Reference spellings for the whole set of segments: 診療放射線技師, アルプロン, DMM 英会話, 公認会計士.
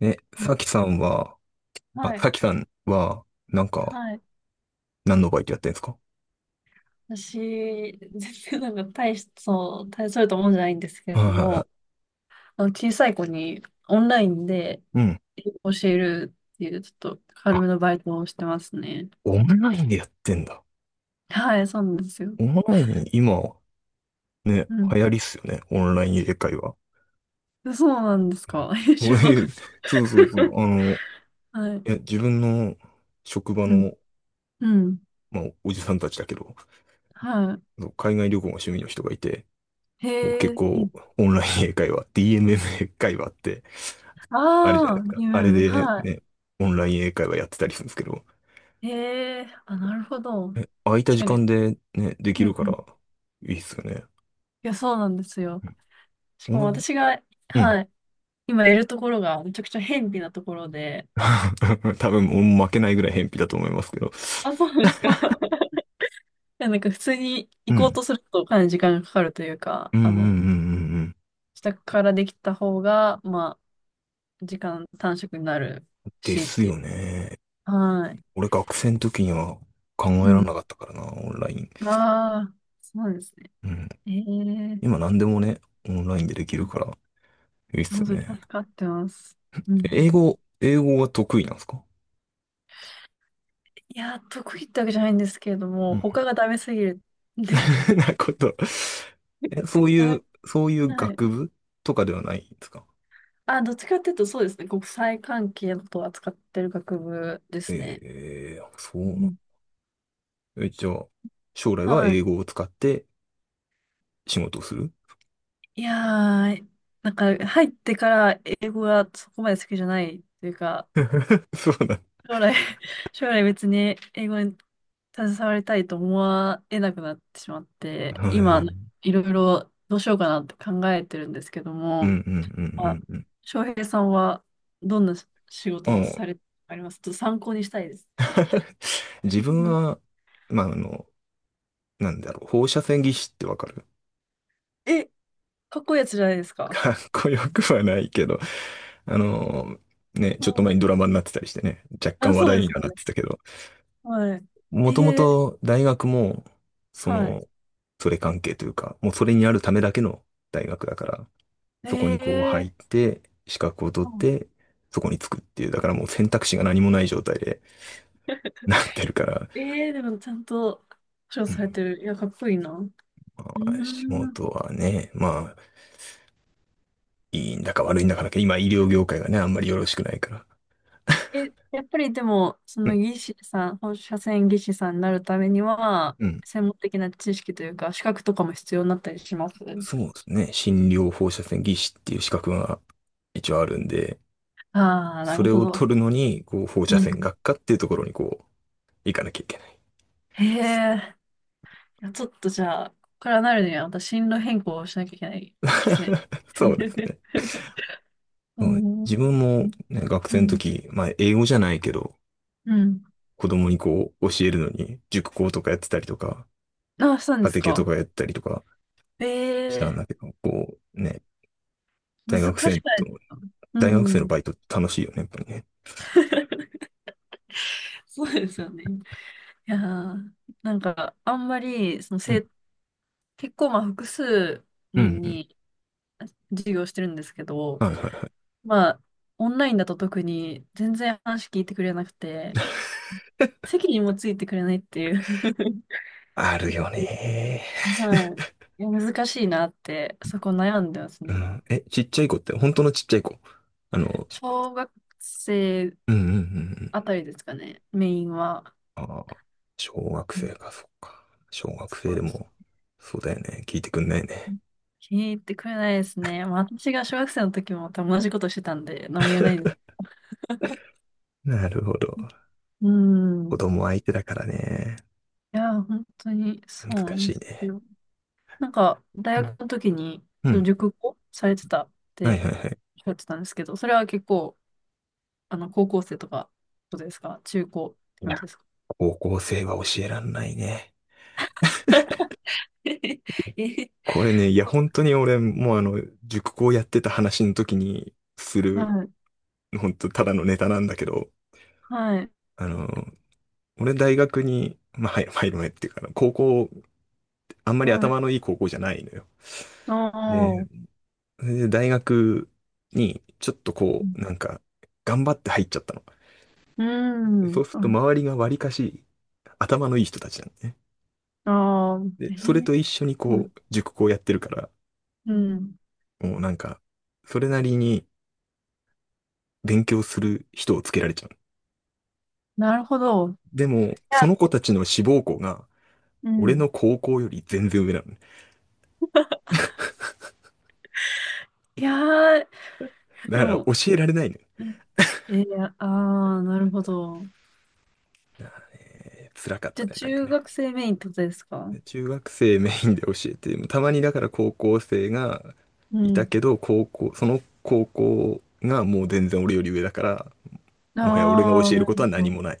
え、さきさんは、あ、はい、さきさんは、なんか、はい。何のバイトやってんですか？私、全然なんかそう、大それたもんじゃないんですけれはいはどいはも、あの小さい子にオンラインでい。うん。英語を教えるっていう、ちょっと軽あ、めのバイトをしてますね。オンラインでやってんだ。はい、そうなんですよ。オンライン、今、ね、うん。流行りっすよね。オンライン英会話。そうなんですか。え 知らな俺かっそうそうそう。いた。はい。や、自分の職場うん。の、うん。まあ、おじさんたちだけど、はそう、海外旅行が趣味の人がいて、い。もうへ結え、いい構、でオすね。ンライン英会話、DMM 英会話って、あれじゃなあいであ、すうか。あれん。で、はね、オンライン英会話やってたりするんですけど、い。へえ、あ、なるほど。空いた確時かに。間でね、できうるんかうん。ら、いいいっすよね。や、そうなんですよ。しうかもん。私が、うん。 はい、今いるところがめちゃくちゃ辺鄙なところで、多分、もう負けないぐらい偏僻だと思いますけど。あ、そうなんですか。いやなんか普通にう行こうん。とするとかなり時間がかかるというか、うんうんうあんうんうの、ん。自宅からできた方が、まあ、時間短縮になるでしっすていよう。ね。はい。俺学生の時には考うえられなん。かったからな、オンライン。ああ、そうなんですね。うん。ええ今何でもね、オンラインでできるから、いいっす本よ当に助ね。かってます。うん。英語は得意なんですか？いや、得意ってわけじゃないんですけれどうも、ん。他がダメすぎるんで。なこと。そういはう、い。そういうはい。学部とかではないんですか？あ、どっちかっていうとそうですね。国際関係のことを扱ってる学部ですえね。え、そうう、ん一応、将来ははい。英語を使って仕事をする。 いやー、なんか入ってから英語がそこまで好きじゃないというか、そうだ。将来、将来別に英語に携わりたいと思わえなくなってしまっへて、今、ー。いろいろどうしようかなって考えてるんですけどうんも、うんうあ、んうんうん。翔平さんはどんな仕あ事をの、されてありますちょっと参考にしたいです。自分 は、まあ、なんだろう、放射線技師ってわかる？ え、かっこいいやつじゃないです か。かっこよくはないけど、あの、ね、うちょっとん前にドラマになってたりしてね、若あ、干話そう題でにすはよなっね。てたけど、はい。えもともー、と大学も、そはの、それ関係というか、もうそれにあるためだけの大学だから、い。そこにこうえ入っー、て、資格を取うっん て、そこに着くっていう、だからもう選択肢が何もない状態で なってるか ら、えー、でもちゃんと保証うされん。てる。いや、かっこいいな。うまーあ、仕ん。事はね、まあ、いいんだか悪いんだかだけど、今医療業界がね、あんまりよろしくないから。え、やっぱりでも、そうのん。技師さん、放射線技師さんになるためには、うん。専門的な知識というか、資格とかも必要になったりしますそうですね。診療放射線技師っていう資格が一応あるんで、ああー、なそるれほをど。取るのに、こう、放う射線ん。学科っていうところにこう、行かなきゃいけない。へえ、いやちょっとじゃあ、ここからなるには、また進路変更をしなきゃいけないですね。そうですね。ううん、ん。自分も、ね、学う生のん。時、まあ英語じゃないけど、うん。子供にこう教えるのに、塾講とかやってたりとか、あ、そうなん家です庭教とか。かやったりとかしたんええだけど、こうね、難大し学生くなと、いですかう大学生のん。バイトって楽しいよね、やっぱりね。そうですよね。いやー、なんか、あんまり、うん、結構、まあ、複数うん、う人ん。に授業してるんですけど、はいはいはい。まあ、オンラインだと特に全然話聞いてくれなくて、席にもついてくれないっていう あちょるっよねと はい。いや、難しいなって、そこ悩んでますー。うね、今。ん。え、ちっちゃい子って、本当のちっちゃい子。あの、小学生うんうんうんうん。あたりですかね、メインは。ああ、小学う生んか、そっか。小学そ生でうです。も、そうだよね。聞いてくんないね。気に入ってくれないですね。まあ、私が小学生の時も多分同じことしてたんで、何も言えないんです。なるほど。うん。子い供相手だからね。や、本当にそ難うなんしでいすね。よ。なんか、う大ん。学の時に、うそのん。熟語されてたっはいてはいはい。おっしゃってたんですけど、それは結構、あの、高校生とか、ことですか中高っていことや、ですか 高校生は教えらんないね。ええこれね、いや、本当に俺、もうあの、塾講やってた話の時にする、はい、本当ただのネタなんだけど、はい、あの、俺大学に、まあ、はい、入る前っていうか、高校、あんまりはい。頭のいい高校じゃないのよ。ああ、で、うそれで大学に、ちょっとこん、う、なんか、頑張って入っちゃったの。うでそうんするとあ周りがわりかし、頭のいい人たちなんだね。ああ、で、えそれえと一緒にうこん、う、塾講やってるから、うんもうなんか、それなりに、勉強する人をつけられちゃう。なるほど。いでも、そや、の子たちの志望校が、う俺ん。の高校より全然上なのね。いやー、だでからも、教えられないのようんえー、あー、なるほど。ね。辛かっじたゃあ、ね、なんか中ね。学生メインってことですか中学生メインで教えて、たまにだから高校生がういたん。けど、高校、その高校がもう全然俺より上だから、もはや俺が教ああ、えなることるはほ何ど。もない。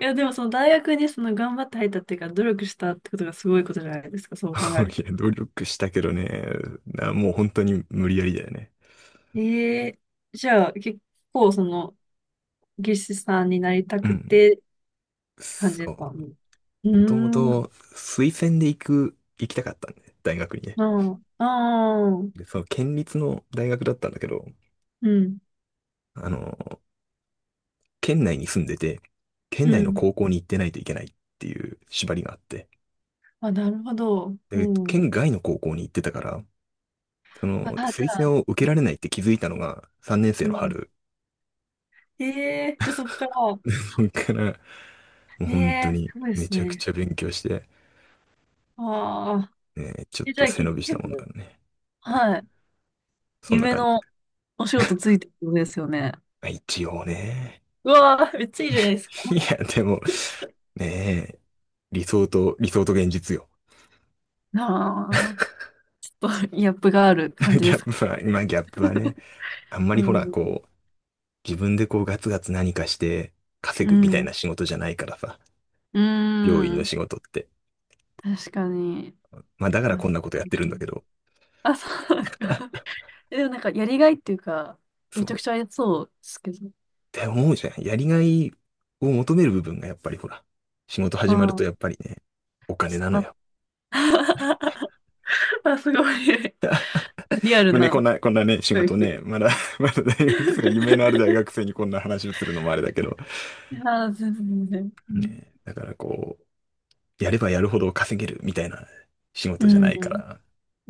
いや、でも、その大学にその頑張って入ったっていうか、努力したってことがすごいことじゃないですか、そう考える と。いや、努力したけどね、なもう本当に無理やりだよね。ええじゃあ、結構、その、技師さんになりたうくん。てって感じでそすかうん。う。もともうーん、と推薦で行きたかったんで、大学にね。ああ、あで、あ、その県立の大学だったんだけど、うん、あの、県内に住んでて、県う内のん。高校に行ってないといけないっていう縛りがあって、あ、なるほど。うで、ん。県外の高校に行ってたから、その、あ、じゃ推あ、薦を受けられないって気づいたのが3年生うのん。春。ええじゃあそっから、そっから、もうえ本当えにすごいでめすちゃくね。ちゃ勉強して、ああ。ね、ちょっえ、じとゃあ背結伸びしたもんだか局、らね。はい。そんな夢感じ。のお仕事ついてるんですよね。まあ一応ね。うわあ、めっちゃいいじゃないですか。いや、でも、ねえ、理想と現実よ。ああ、ちょっとギャップがある感 じギでャッすプか。は、まあ、ギャップはね、あんまうり、ほら、ん。自分でこうガツガツ何かして稼うぐみたいなん。仕事じゃないからさ、う病院のん。仕事って。確かに。まあ、だからあ、こんなことやっ面てるん白だいけど、あ、そうなんですか。えでもなんか、やりがいっていうか、めそちう、ゃくっちゃありそうですけど。て思うじゃん。やりがいを求める部分がやっぱり、ほら、仕事始まるあとあ、やっぱりね、お金スなのカッ よ。あ、すごい。リアルまあね、な。こんなね、仕事ね、まだ まだ大学生、夢のある大学 生にこんな話をするのもあれだけど、ああ、全然。うん。ね、だからこう、やればやるほど稼げるみたいな仕う事じゃないかんら、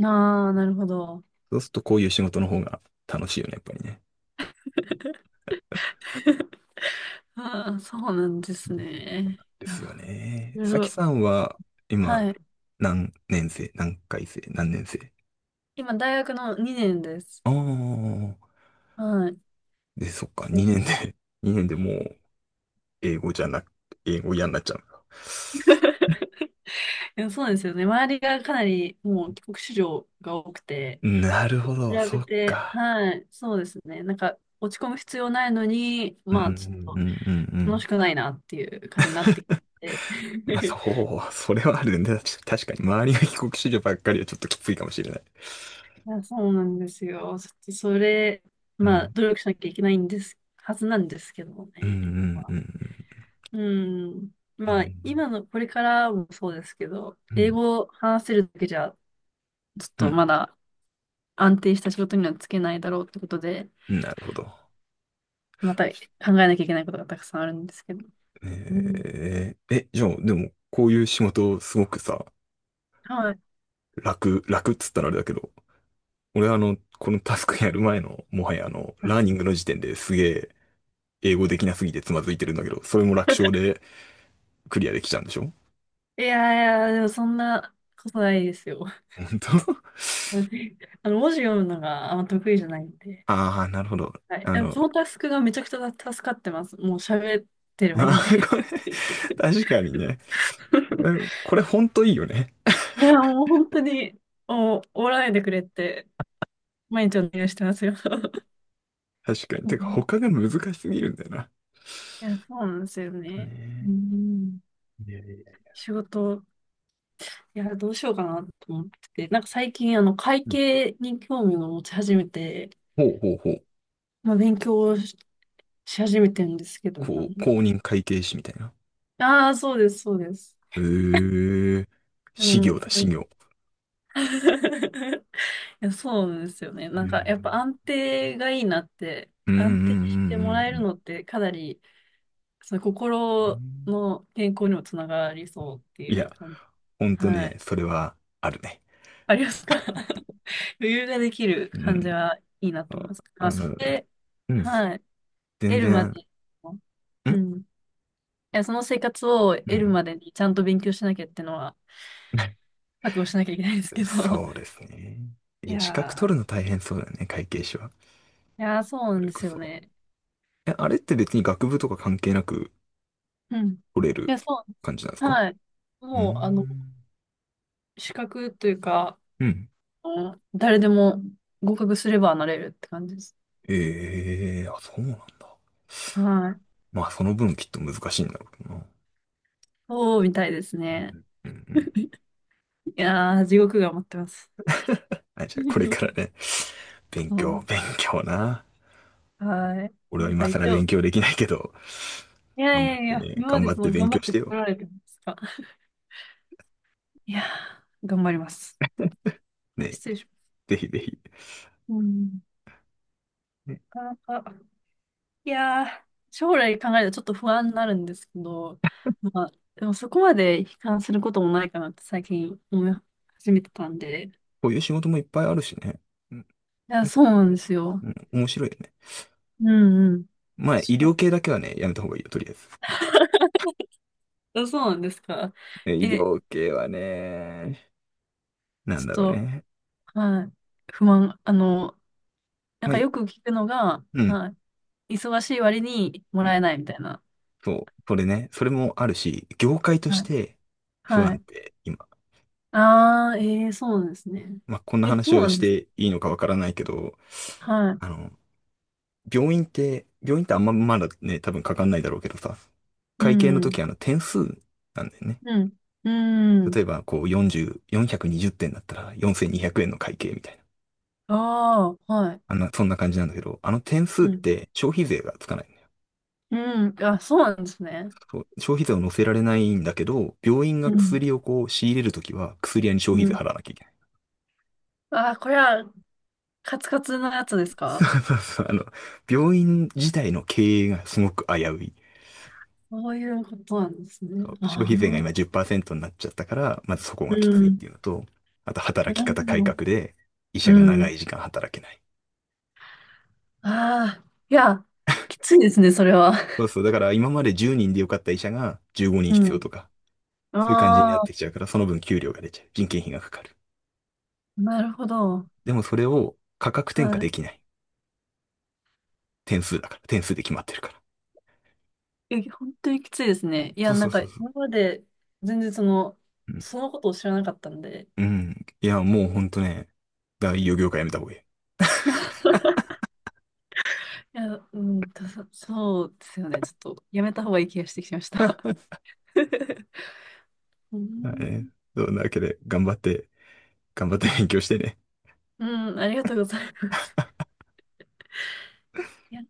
ああ、なるほど。そうするとこういう仕事の方が楽しいよね、やっぱりね。ああ、そうなんですね。でいやすよー、ね。いろいさきろ。さんは、今、はい。何年生？今、大学の2年です。ああー、はい。で、そっか、2年で、2年でもう、英語じゃなく、英語嫌になっちゃう？でもそうなんですよね。周りがかなりもう帰国子女が多くて、なるほ比ど、そべって、か。はい、そうですね。なんか落ち込む必要ないのに、うん、うん、まうあちょっん、うんうと楽ん。しくないなっていう感じになってきて。まあ、そう、それはあるね。確かに、周りが帰国子女ばっかりはちょっときついかもしれない。いや、そうなんですよ。それ、うまあ、ん、努力しなきゃいけないんです、はずなんですけどもうん、うね。まん、うあん、うん。うまあ、ん、今の、これからもそうですけど、うん、う英語を話せるだけじゃ、ちょっとん、まだ安定した仕事にはつけないだろうってことで、うん。なるほど。また考えなきゃいけないことがたくさんあるんですけど。うん。じゃあ、でも、こういう仕事、すごくさ、はい。楽っつったらあれだけど、俺はあの、このタスクやる前の、もはやあの、ラーニングの時点ですげえ、英語できなすぎてつまずいてるんだけど、それも楽勝 でクリアできちゃうんでしょ？いやいや、でもそんなことないですよ。本当？ あの、文字読むのがあんま得意じゃないん で。ああー、なるほど。はい。あでもの、このタスクがめちゃくちゃ助かってます。もう喋って れあばいいんー、で。これ、確かにね。これ、これほんといいよね。いや、もう本当に、もう、おらないでくれって、毎日お願いしてますよ。確かに。うてか、ん他が難しすぎるんだよな。いや、そうなんですよね。うねん。え。いやいやいや。仕事、いや、どうしようかなと思ってて、なんか最近、あの、会うん。計に興味を持ち始めて、ほうほうほう。まあ、勉強をし始めてるんですけども。こう、公認会計士みたいな。ああ、そうです、そうです。ええ、で修も、行だ、そ修れ 行。いやそうですよね。うなんか、ん。やっぱ安定がいいなって、うんうんう安定してもんらえうるんのってかなり、そのう心ん。の健康にもつながりそうっていいうや、感じ。ほんとはね、い。それはあるね。ありますか 余裕ができるう感じん。はいいなと思あいます。まあ、あその、れ、うん。はい。全得る然、まん、での、うん。いや、その生活をう得るん。までにちゃんと勉強しなきゃってのは、覚悟しなきゃいけないですけど。そうですね。いいや、資格取やるー、の大変そうだよね、会計士は。いやー、そうそなんれでこすよそ。ね。あれって別に学部とか関係なくうん。い取れるや、そ感じなんですう。か？はい。うーもう、あの、ん。資格というか、うん。うん誰でも合格すればなれるって感じです。ええー、あ、そうなんだ。はい。まあ、その分きっと難しいんだろうな。そうみたいですうね。んうんうん。 いやー、地獄が待ってます。あ、じゃあこれから ね、勉そ強、う勉強な。はい。俺はなんか今更一勉応、強できないけど、いや頑い張っやいてや、ね、今ま頑で張っそての勉頑張強っしててよ。こられてるんですか。いやー、頑張ります。あね、失礼します。ぜひぜひ。うん、ね、なかなか。いやー、将来考えるとちょっと不安になるんですけど、まあ、でもそこまで悲観することもないかなって最近思い始めてたんで。いこういう仕事もいっぱいあるしね。うん、や、なんか、そうなんですよ。うん、面白いよね。うんうん。まあ、医そ療系だけはね、やめた方がいいよ、とりあえず。う、あそうなんですか。医え、療系はね、なちょんっだろうと、ね。はい、不安、あの、なんまあ、かよく聞くのが、うん、はい、忙しい割にもうん、らえないみたいな。そう、それね、それもあるし、業界としはい。て不は安い。定、今。ああ、えー、そうなんですね。まあ、こんなえ、そ話うをなしんです。ていいのかわからないけど、はい。あの、病院ってあんままだね、多分かかんないだろうけどさ、う会計のん。時あの点数なんだよね。うん。うん。例えばこう40、420点だったら4200円の会計みたいな。ああ、はい。あんな、そんな感じなんだけど、あの点数っうん。て消費税がつかないんだよ。うん。あ、そうなんですね。そう、消費税を乗せられないんだけど、病院うがん。薬をこう仕入れるときは薬屋に消う費税ん。払わなきゃいけない。ああ、これはカツカツのやつですそかうそうそう。あの、病院自体の経営がすごく危うい。そういうことなんですね。消あ費税があ、今10%になっちゃったから、まずそこうがきついってん。いうのと、あとな働きる方改ほど。革で医者うが長ん。い時間働けない。ああ、いや、きついですね、それは。そうそう。だから今まで10人でよかった医者が15人う必要とか、ん。そういう感じになっああ、てきちゃうから、その分給料が出ちゃう。人件費がかかる。なるほど。でもそれを価格転嫁はできない。点数だから。点数で決まってるから。い。え、本当にきついですね。いそや、うそなんうか、そうそう。今まで全然その、うん。そのことを知らなかったんで。うん。いや、もうほんとね、大企業業界やめた方がいい。いや、うん、たそうですよね。ちょっと、やめた方がいい気がしてきました。うだからね。ん、そんなわけで、頑張って、頑張って勉強してね。うんありがとうございます。いや